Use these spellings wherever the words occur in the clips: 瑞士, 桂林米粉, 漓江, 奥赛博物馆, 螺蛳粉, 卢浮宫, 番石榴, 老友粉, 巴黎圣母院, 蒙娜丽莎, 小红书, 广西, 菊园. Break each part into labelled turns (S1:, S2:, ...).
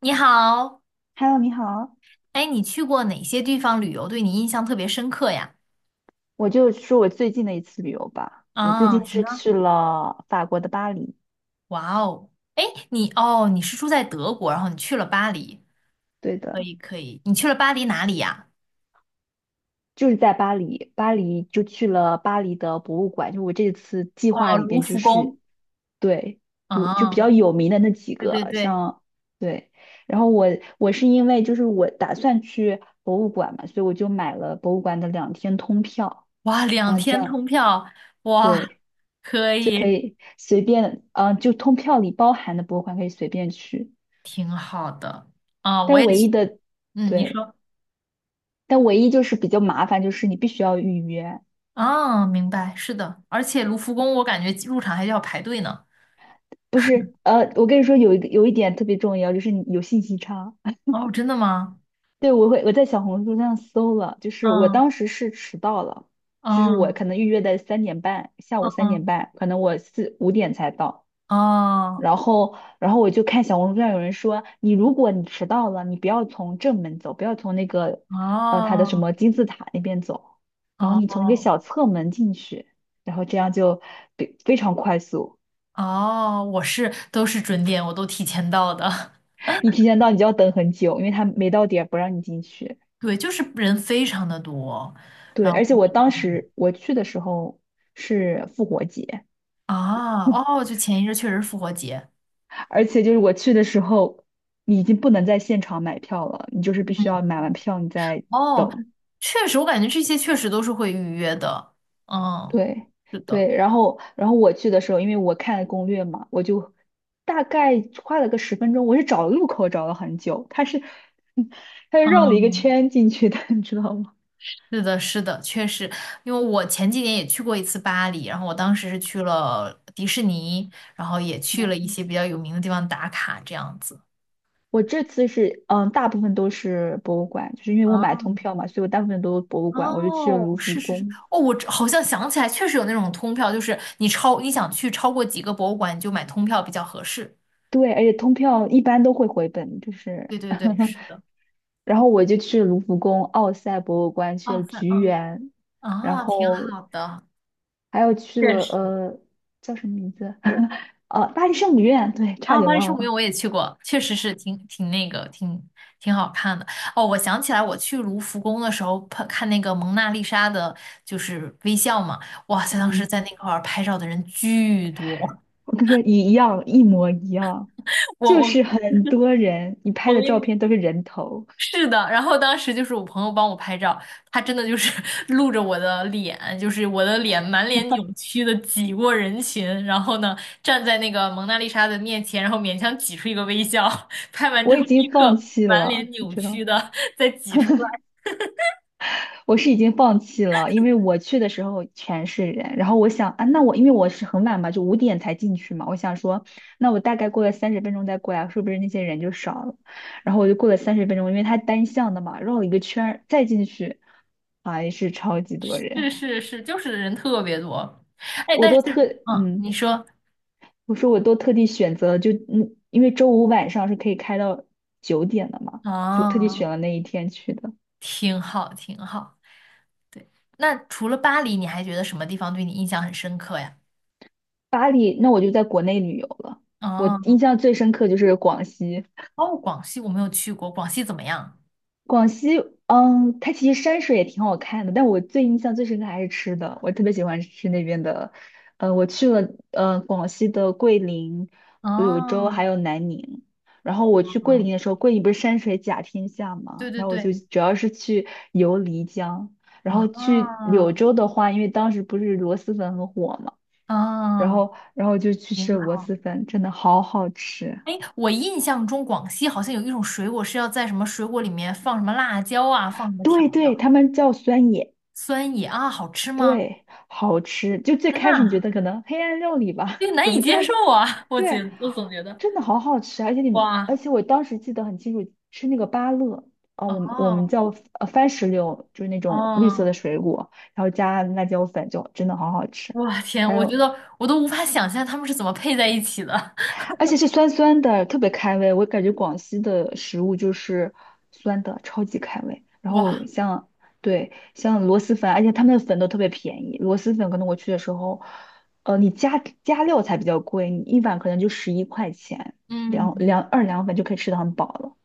S1: 你好，
S2: Hello，你好，
S1: 哎，你去过哪些地方旅游，对你印象特别深刻呀？
S2: 我就说我最近的一次旅游吧。我最
S1: 啊，
S2: 近
S1: 行
S2: 是
S1: 啊，
S2: 去了法国的巴黎，
S1: 哇哦，哎，你是住在德国，然后你去了巴黎，
S2: 对
S1: 可
S2: 的，
S1: 以可以，你去了巴黎哪里呀？
S2: 就是在巴黎，巴黎就去了巴黎的博物馆。就我这次计划
S1: 哦，
S2: 里
S1: 卢
S2: 边，就
S1: 浮宫。
S2: 是对，有就比较
S1: 啊，
S2: 有名的那几
S1: 对对
S2: 个，
S1: 对，
S2: 像对。然后我是因为就是我打算去博物馆嘛，所以我就买了博物馆的2天通票，
S1: 哇，两
S2: 然后这
S1: 天
S2: 样
S1: 通票，哇，
S2: 对
S1: 可
S2: 就可
S1: 以，
S2: 以随便，就通票里包含的博物馆可以随便去。
S1: 挺好的。啊，我
S2: 但
S1: 也
S2: 唯
S1: 去，
S2: 一的，
S1: 嗯，你
S2: 对，
S1: 说，
S2: 但唯一就是比较麻烦，就是你必须要预约，
S1: 啊，明白，是的，而且卢浮宫我感觉入场还要排队呢。
S2: 不是？我跟你说有一点特别重要，就是你有信息差。
S1: 哦，真的吗？
S2: 对，我在小红书上搜了，就是我
S1: 嗯
S2: 当时是迟到了，就是我
S1: 嗯
S2: 可能预约的三点半，下
S1: 嗯。
S2: 午三点
S1: 嗯
S2: 半，可能我4、5点才到。
S1: 哦
S2: 然后我就看小红书上有人说，你如果你迟到了，你不要从正门走，不要从那个，它的什
S1: 哦
S2: 么金字塔那边走，然后你从一个
S1: 哦
S2: 小侧门进去，然后这样就非常快速。
S1: 哦，我都是准点，我都提前到的。
S2: 你提前到，你就要等很久，因为他没到点不让你进去。
S1: 对，就是人非常的多，
S2: 对，
S1: 然后
S2: 而且我当时我去的时候是复活节，
S1: 啊哦，就前一阵确实是复活节
S2: 而且就是我去的时候，你已经不能在现场买票了，你就是必须要买完票你再
S1: 哦，确实我感觉这些确实都是会预约的。嗯，
S2: 对
S1: 是的，
S2: 对，然后我去的时候，因为我看攻略嘛，我就大概花了个十分钟，我是找路口找了很久，他是绕了一
S1: 嗯，
S2: 个圈进去的，你知道吗？
S1: 是的，是的，确实，因为我前几年也去过一次巴黎，然后我当时是去了迪士尼，然后也去了一些比较有名的地方打卡，这样子。
S2: 我这次是大部分都是博物馆，就是因为我买
S1: 嗯
S2: 通票嘛，所以我大部分都是博物馆，我就去了
S1: 哦，
S2: 卢浮
S1: 是是是，
S2: 宫。
S1: 哦，我这好像想起来，确实有那种通票，就是你想去超过几个博物馆，你就买通票比较合适。
S2: 对，而且通票一般都会回本，就是
S1: 对对对，是的。
S2: 然后我就去卢浮宫奥赛博物馆去了
S1: 哦，算，
S2: 菊
S1: 嗯，
S2: 园，然
S1: 啊，挺
S2: 后
S1: 好的，
S2: 还有去
S1: 确
S2: 了
S1: 实。
S2: 叫什么名字？呃，巴黎圣母院，对，差
S1: 啊，
S2: 点
S1: 巴黎圣
S2: 忘
S1: 母院
S2: 了。
S1: 我也去过，确实是挺那个，挺好看的。哦，我想起来，我去卢浮宫的时候看看那个蒙娜丽莎的，就是微笑嘛，哇塞，当时
S2: 嗯，
S1: 在那块儿拍照的人巨多，
S2: 我跟你说一样，一模一样，
S1: 我
S2: 就
S1: 我。
S2: 是很多人，你拍
S1: 我
S2: 的
S1: 跟
S2: 照
S1: 你。
S2: 片都是人头，
S1: 是的，然后当时就是我朋友帮我拍照，他真的就是 露着我的脸，就是我的脸满脸扭曲的挤过人群，然后呢站在那个蒙娜丽莎的面前，然后勉强挤出一个微笑，拍完之
S2: 我已
S1: 后立
S2: 经
S1: 刻
S2: 放弃
S1: 满脸
S2: 了，你
S1: 扭
S2: 知
S1: 曲
S2: 道。
S1: 的 再挤出来。
S2: 我是已经放弃了，因为我去的时候全是人，然后我想啊，那我因为我是很晚嘛，就五点才进去嘛，我想说，那我大概过了三十分钟再过来，是不是那些人就少了？然后我就过了三十分钟，因为它单向的嘛，绕了一个圈儿再进去，还是超级多人，
S1: 是是是，就是人特别多。哎，
S2: 我
S1: 但
S2: 都
S1: 是
S2: 特嗯，
S1: 你说，
S2: 我说我都特地选择了因为周五晚上是可以开到9点的嘛，就特地选
S1: 啊，
S2: 了那一天去的。
S1: 挺好挺好。对，那除了巴黎，你还觉得什么地方对你印象很深刻呀？
S2: 巴黎，那我就在国内旅游了。我
S1: 哦。
S2: 印象最深刻就是广西，
S1: 哦，广西我没有去过，广西怎么样？
S2: 广西，嗯，它其实山水也挺好看的，但我最印象最深刻还是吃的，我特别喜欢吃那边的，我去了，广西的桂林、柳州
S1: 哦，
S2: 还有南宁，然后我去桂林
S1: 哦
S2: 的时候，桂林不是山水甲天下
S1: 对
S2: 嘛，
S1: 对
S2: 然后我就
S1: 对，
S2: 主要是去游漓江，然后去
S1: 啊
S2: 柳州的话，因为当时不是螺蛳粉很火嘛，然
S1: 啊，
S2: 后然后就去
S1: 挺
S2: 吃了螺
S1: 好。
S2: 蛳粉，真的好好吃，
S1: 哎，我印象中广西好像有一种水果是要在什么水果里面放什么辣椒啊，放什么调
S2: 对对，
S1: 料，
S2: 他们叫酸野。
S1: 酸野啊，好吃吗？
S2: 对，好吃。就最
S1: 天
S2: 开始你觉
S1: 呐，
S2: 得可能黑暗料理吧，
S1: 这个 难
S2: 怎
S1: 以
S2: 么加？
S1: 接受啊！我觉
S2: 对，
S1: 我总觉得，
S2: 真的好好吃啊，而
S1: 哇，
S2: 且我当时记得很清楚，吃那个芭乐，我们
S1: 哦
S2: 叫番石榴，就是那种绿色
S1: 哦，
S2: 的水果，然后加辣椒粉，就真的好好吃。
S1: 哇天，
S2: 还
S1: 我觉
S2: 有
S1: 得我都无法想象他们是怎么配在一起的。
S2: 而且是酸酸的，特别开胃。我感觉广西的食物就是酸的，超级开胃。然 后
S1: 哇，
S2: 像对像螺蛳粉，而且他们的粉都特别便宜。螺蛳粉可能我去的时候，你加加料才比较贵，你一碗可能就11块钱，
S1: 嗯，
S2: 2两粉就可以吃的很饱了。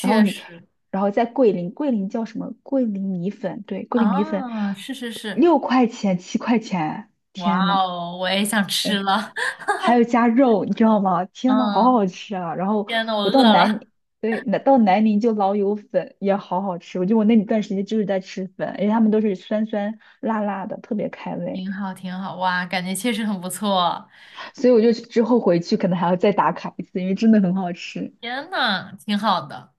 S2: 然后你，
S1: 实
S2: 然后在桂林，桂林叫什么？桂林米粉，对，桂林米粉
S1: 啊，是是是，
S2: 6块钱7块钱，
S1: 哇
S2: 天呐！
S1: 哦，我也想吃
S2: 哎，
S1: 了。
S2: 还有加肉，你知道吗？天呐，好
S1: 嗯，
S2: 好吃啊！然后
S1: 天呐，我
S2: 我到
S1: 饿
S2: 南
S1: 了。
S2: 宁对，那到南宁就老友粉也好好吃。我那段时间就是在吃粉，而且他们都是酸酸辣辣的，特别开胃。
S1: 挺好，挺好，哇，感觉确实很不错。
S2: 所以我就之后回去可能还要再打卡一次，因为真的很好吃。
S1: 天呐，挺好的。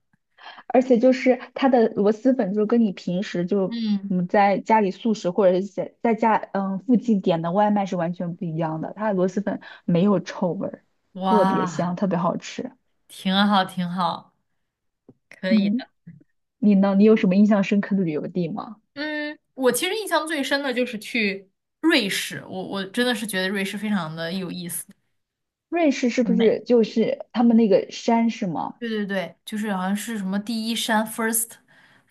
S2: 而且就是它的螺蛳粉，就是跟你平时就
S1: 嗯，
S2: 在家里素食或者是在家附近点的外卖是完全不一样的。它的螺蛳粉没有臭味儿，特别
S1: 哇，
S2: 香，特别好吃。
S1: 挺好，挺好，可以
S2: 嗯。
S1: 的。
S2: 你呢？你有什么印象深刻的旅游地吗？
S1: 嗯，我其实印象最深的就是去瑞士，我真的是觉得瑞士非常的有意思，
S2: 瑞士是不
S1: 很美。
S2: 是就是他们那个山是吗？
S1: 对对对，就是好像是什么第一山 first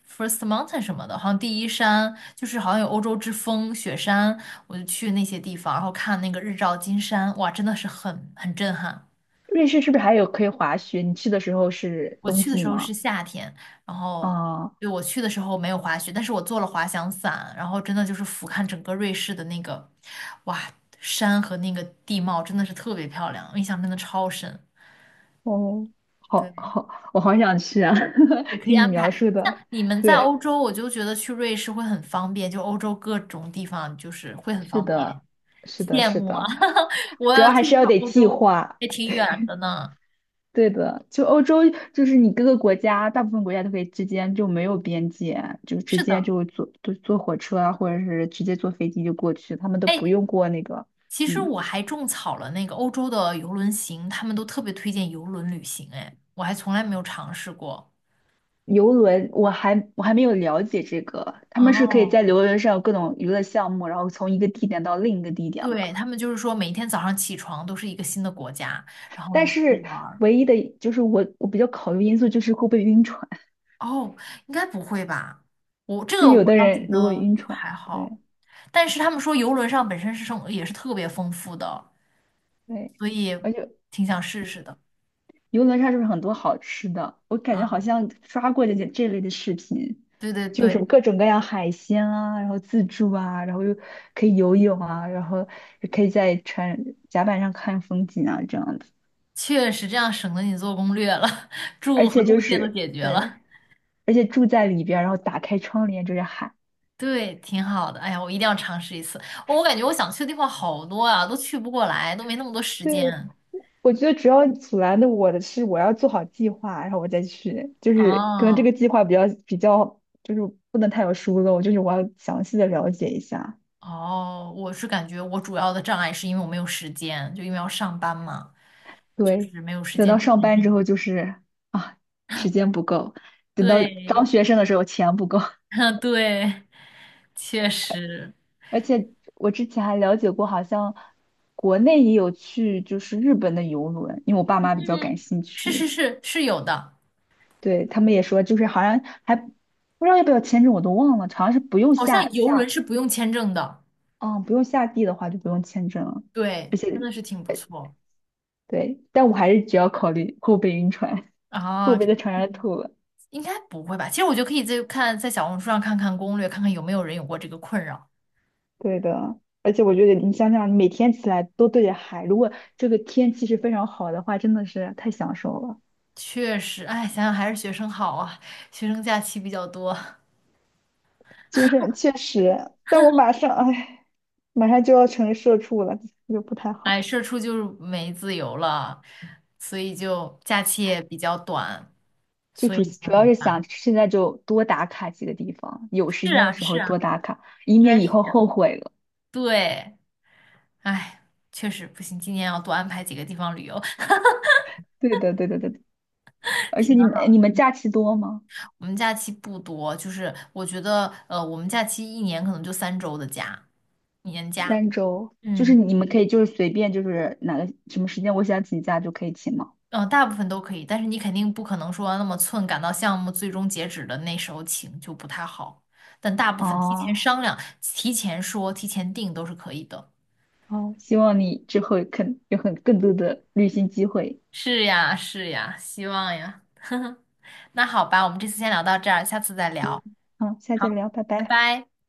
S1: first mountain 什么的，好像第一山就是好像有欧洲之风雪山，我就去那些地方，然后看那个日照金山，哇，真的是很震撼。
S2: 瑞士是不是还有可以滑雪？你去的时候是
S1: 我
S2: 冬
S1: 去的
S2: 季
S1: 时候是
S2: 吗？
S1: 夏天，然后
S2: 啊，
S1: 对我去的时候没有滑雪，但是我做了滑翔伞，然后真的就是俯瞰整个瑞士的那个，哇，山和那个地貌真的是特别漂亮，我印象真的超深。
S2: 哦，好
S1: 对。
S2: 好，我好想去啊！
S1: 也 可以
S2: 听你
S1: 安排。
S2: 描述
S1: 像
S2: 的，
S1: 你们在
S2: 对，
S1: 欧洲，我就觉得去瑞士会很方便，就欧洲各种地方就是会很
S2: 是
S1: 方便，
S2: 的，是的，
S1: 羡
S2: 是
S1: 慕啊！
S2: 的，
S1: 我
S2: 主
S1: 要
S2: 要还
S1: 去
S2: 是
S1: 一
S2: 要
S1: 趟
S2: 得
S1: 欧
S2: 计
S1: 洲，
S2: 划。
S1: 也挺 远的呢。
S2: 对的，就欧洲，就是你各个国家，大部分国家都可以之间就没有边界，就直
S1: 是
S2: 接
S1: 的，
S2: 就坐火车啊，或者是直接坐飞机就过去，他们都不
S1: 哎，
S2: 用过那个，
S1: 其实
S2: 嗯，
S1: 我还种草了那个欧洲的游轮行，他们都特别推荐游轮旅行，哎，我还从来没有尝试过。
S2: 游轮。我还没有了解这个，他们是可以
S1: 哦，
S2: 在游轮上有各种娱乐项目，然后从一个地点到另一个地点吧。
S1: 对，他们就是说每一天早上起床都是一个新的国家，然后
S2: 但
S1: 你可以
S2: 是
S1: 玩。
S2: 唯一的就是我比较考虑因素就是会不会晕船，
S1: 哦，应该不会吧？我这
S2: 就
S1: 个我
S2: 有的
S1: 倒觉
S2: 人如果
S1: 得
S2: 晕
S1: 就
S2: 船，
S1: 还好，
S2: 对
S1: 但是他们说游轮上本身是生也是特别丰富的，
S2: 对。
S1: 所以
S2: 而且。
S1: 挺想试试的。
S2: 游轮上是不是很多好吃的？我感觉好
S1: 啊，
S2: 像刷过这类的视频，
S1: 对对
S2: 就是有
S1: 对，
S2: 各种各样海鲜啊，然后自助啊，然后又可以游泳啊，然后也可以在船甲板上看风景啊，这样子。
S1: 确实这样省得你做攻略了，
S2: 而
S1: 住和
S2: 且
S1: 路
S2: 就
S1: 线都
S2: 是
S1: 解决
S2: 对，
S1: 了，
S2: 而且住在里边儿然后打开窗帘就是海。
S1: 对，挺好的。哎呀，我一定要尝试一次。我感觉我想去的地方好多啊，都去不过来，都没那么多时
S2: 对，
S1: 间。
S2: 我觉得主要阻拦的我的是我要做好计划，然后我再去，就是可能这
S1: 哦
S2: 个计划比较就是不能太有疏漏，就是我要详细的了解一下。
S1: 哦，我是感觉我主要的障碍是因为我没有时间，就因为要上班嘛。就
S2: 对，
S1: 是没有时
S2: 等
S1: 间，
S2: 到
S1: 这
S2: 上
S1: 点
S2: 班之后就是啊，时间不够；等到
S1: 对，
S2: 当学生的时候，钱不够。
S1: 对，确实，
S2: 而且我之前还了解过，好像国内也有去就是日本的游轮，因为我爸妈比较感
S1: 嗯，
S2: 兴
S1: 是是
S2: 趣，
S1: 是是有的，
S2: 对，他们也说就是好像还不知道要不要签证，我都忘了，好像是不用
S1: 好像
S2: 下
S1: 游轮
S2: 下，
S1: 是不用签证的，
S2: 嗯，不用下地的话就不用签证了，
S1: 对，
S2: 而
S1: 真
S2: 且
S1: 的是挺不错
S2: 对，但我还是只要考虑后背晕船，后
S1: 啊，
S2: 背会在船上吐了。
S1: 应该不会吧？其实我觉得可以再看在小红书上看看攻略，看看有没有人有过这个困扰。
S2: 对的，而且我觉得你想想，每天起来都对着海，如果这个天气是非常好的话，真的是太享受了。
S1: 确实，哎，想想还是学生好啊，学生假期比较多，
S2: 就是确实，但我马上，哎，马上就要成社畜了，就不太
S1: 哎，
S2: 好。
S1: 社畜就是没自由了，所以就假期也比较短，
S2: 就
S1: 所
S2: 主
S1: 以就
S2: 主要
S1: 很
S2: 是想
S1: 烦。
S2: 现在就多打卡几个地方，有时
S1: 是
S2: 间的
S1: 啊，
S2: 时
S1: 是
S2: 候
S1: 啊，
S2: 多打卡，以
S1: 应
S2: 免
S1: 该
S2: 以
S1: 是。
S2: 后后悔了。
S1: 对，哎，确实不行，今年要多安排几个地方旅游。
S2: 对的，对的，对的。而且
S1: 天
S2: 你们
S1: 啊，
S2: 你们假期多吗？
S1: 我们假期不多，就是我觉得，我们假期一年可能就3周的假，年假。
S2: 3周，就是
S1: 嗯，
S2: 你们可以就是随便就是哪个什么时间我想请假就可以请吗？
S1: 大部分都可以，但是你肯定不可能说那么寸赶到项目最终截止的那时候请，就不太好。但大部分提前
S2: 哦，
S1: 商量、提前说、提前定都是可以的。
S2: 好，希望你之后肯有很更多的旅行机会。
S1: 是呀，是呀，希望呀。那好吧，我们这次先聊到这儿，下次再聊。
S2: 好，下次
S1: 好，
S2: 再聊，拜
S1: 拜
S2: 拜。
S1: 拜。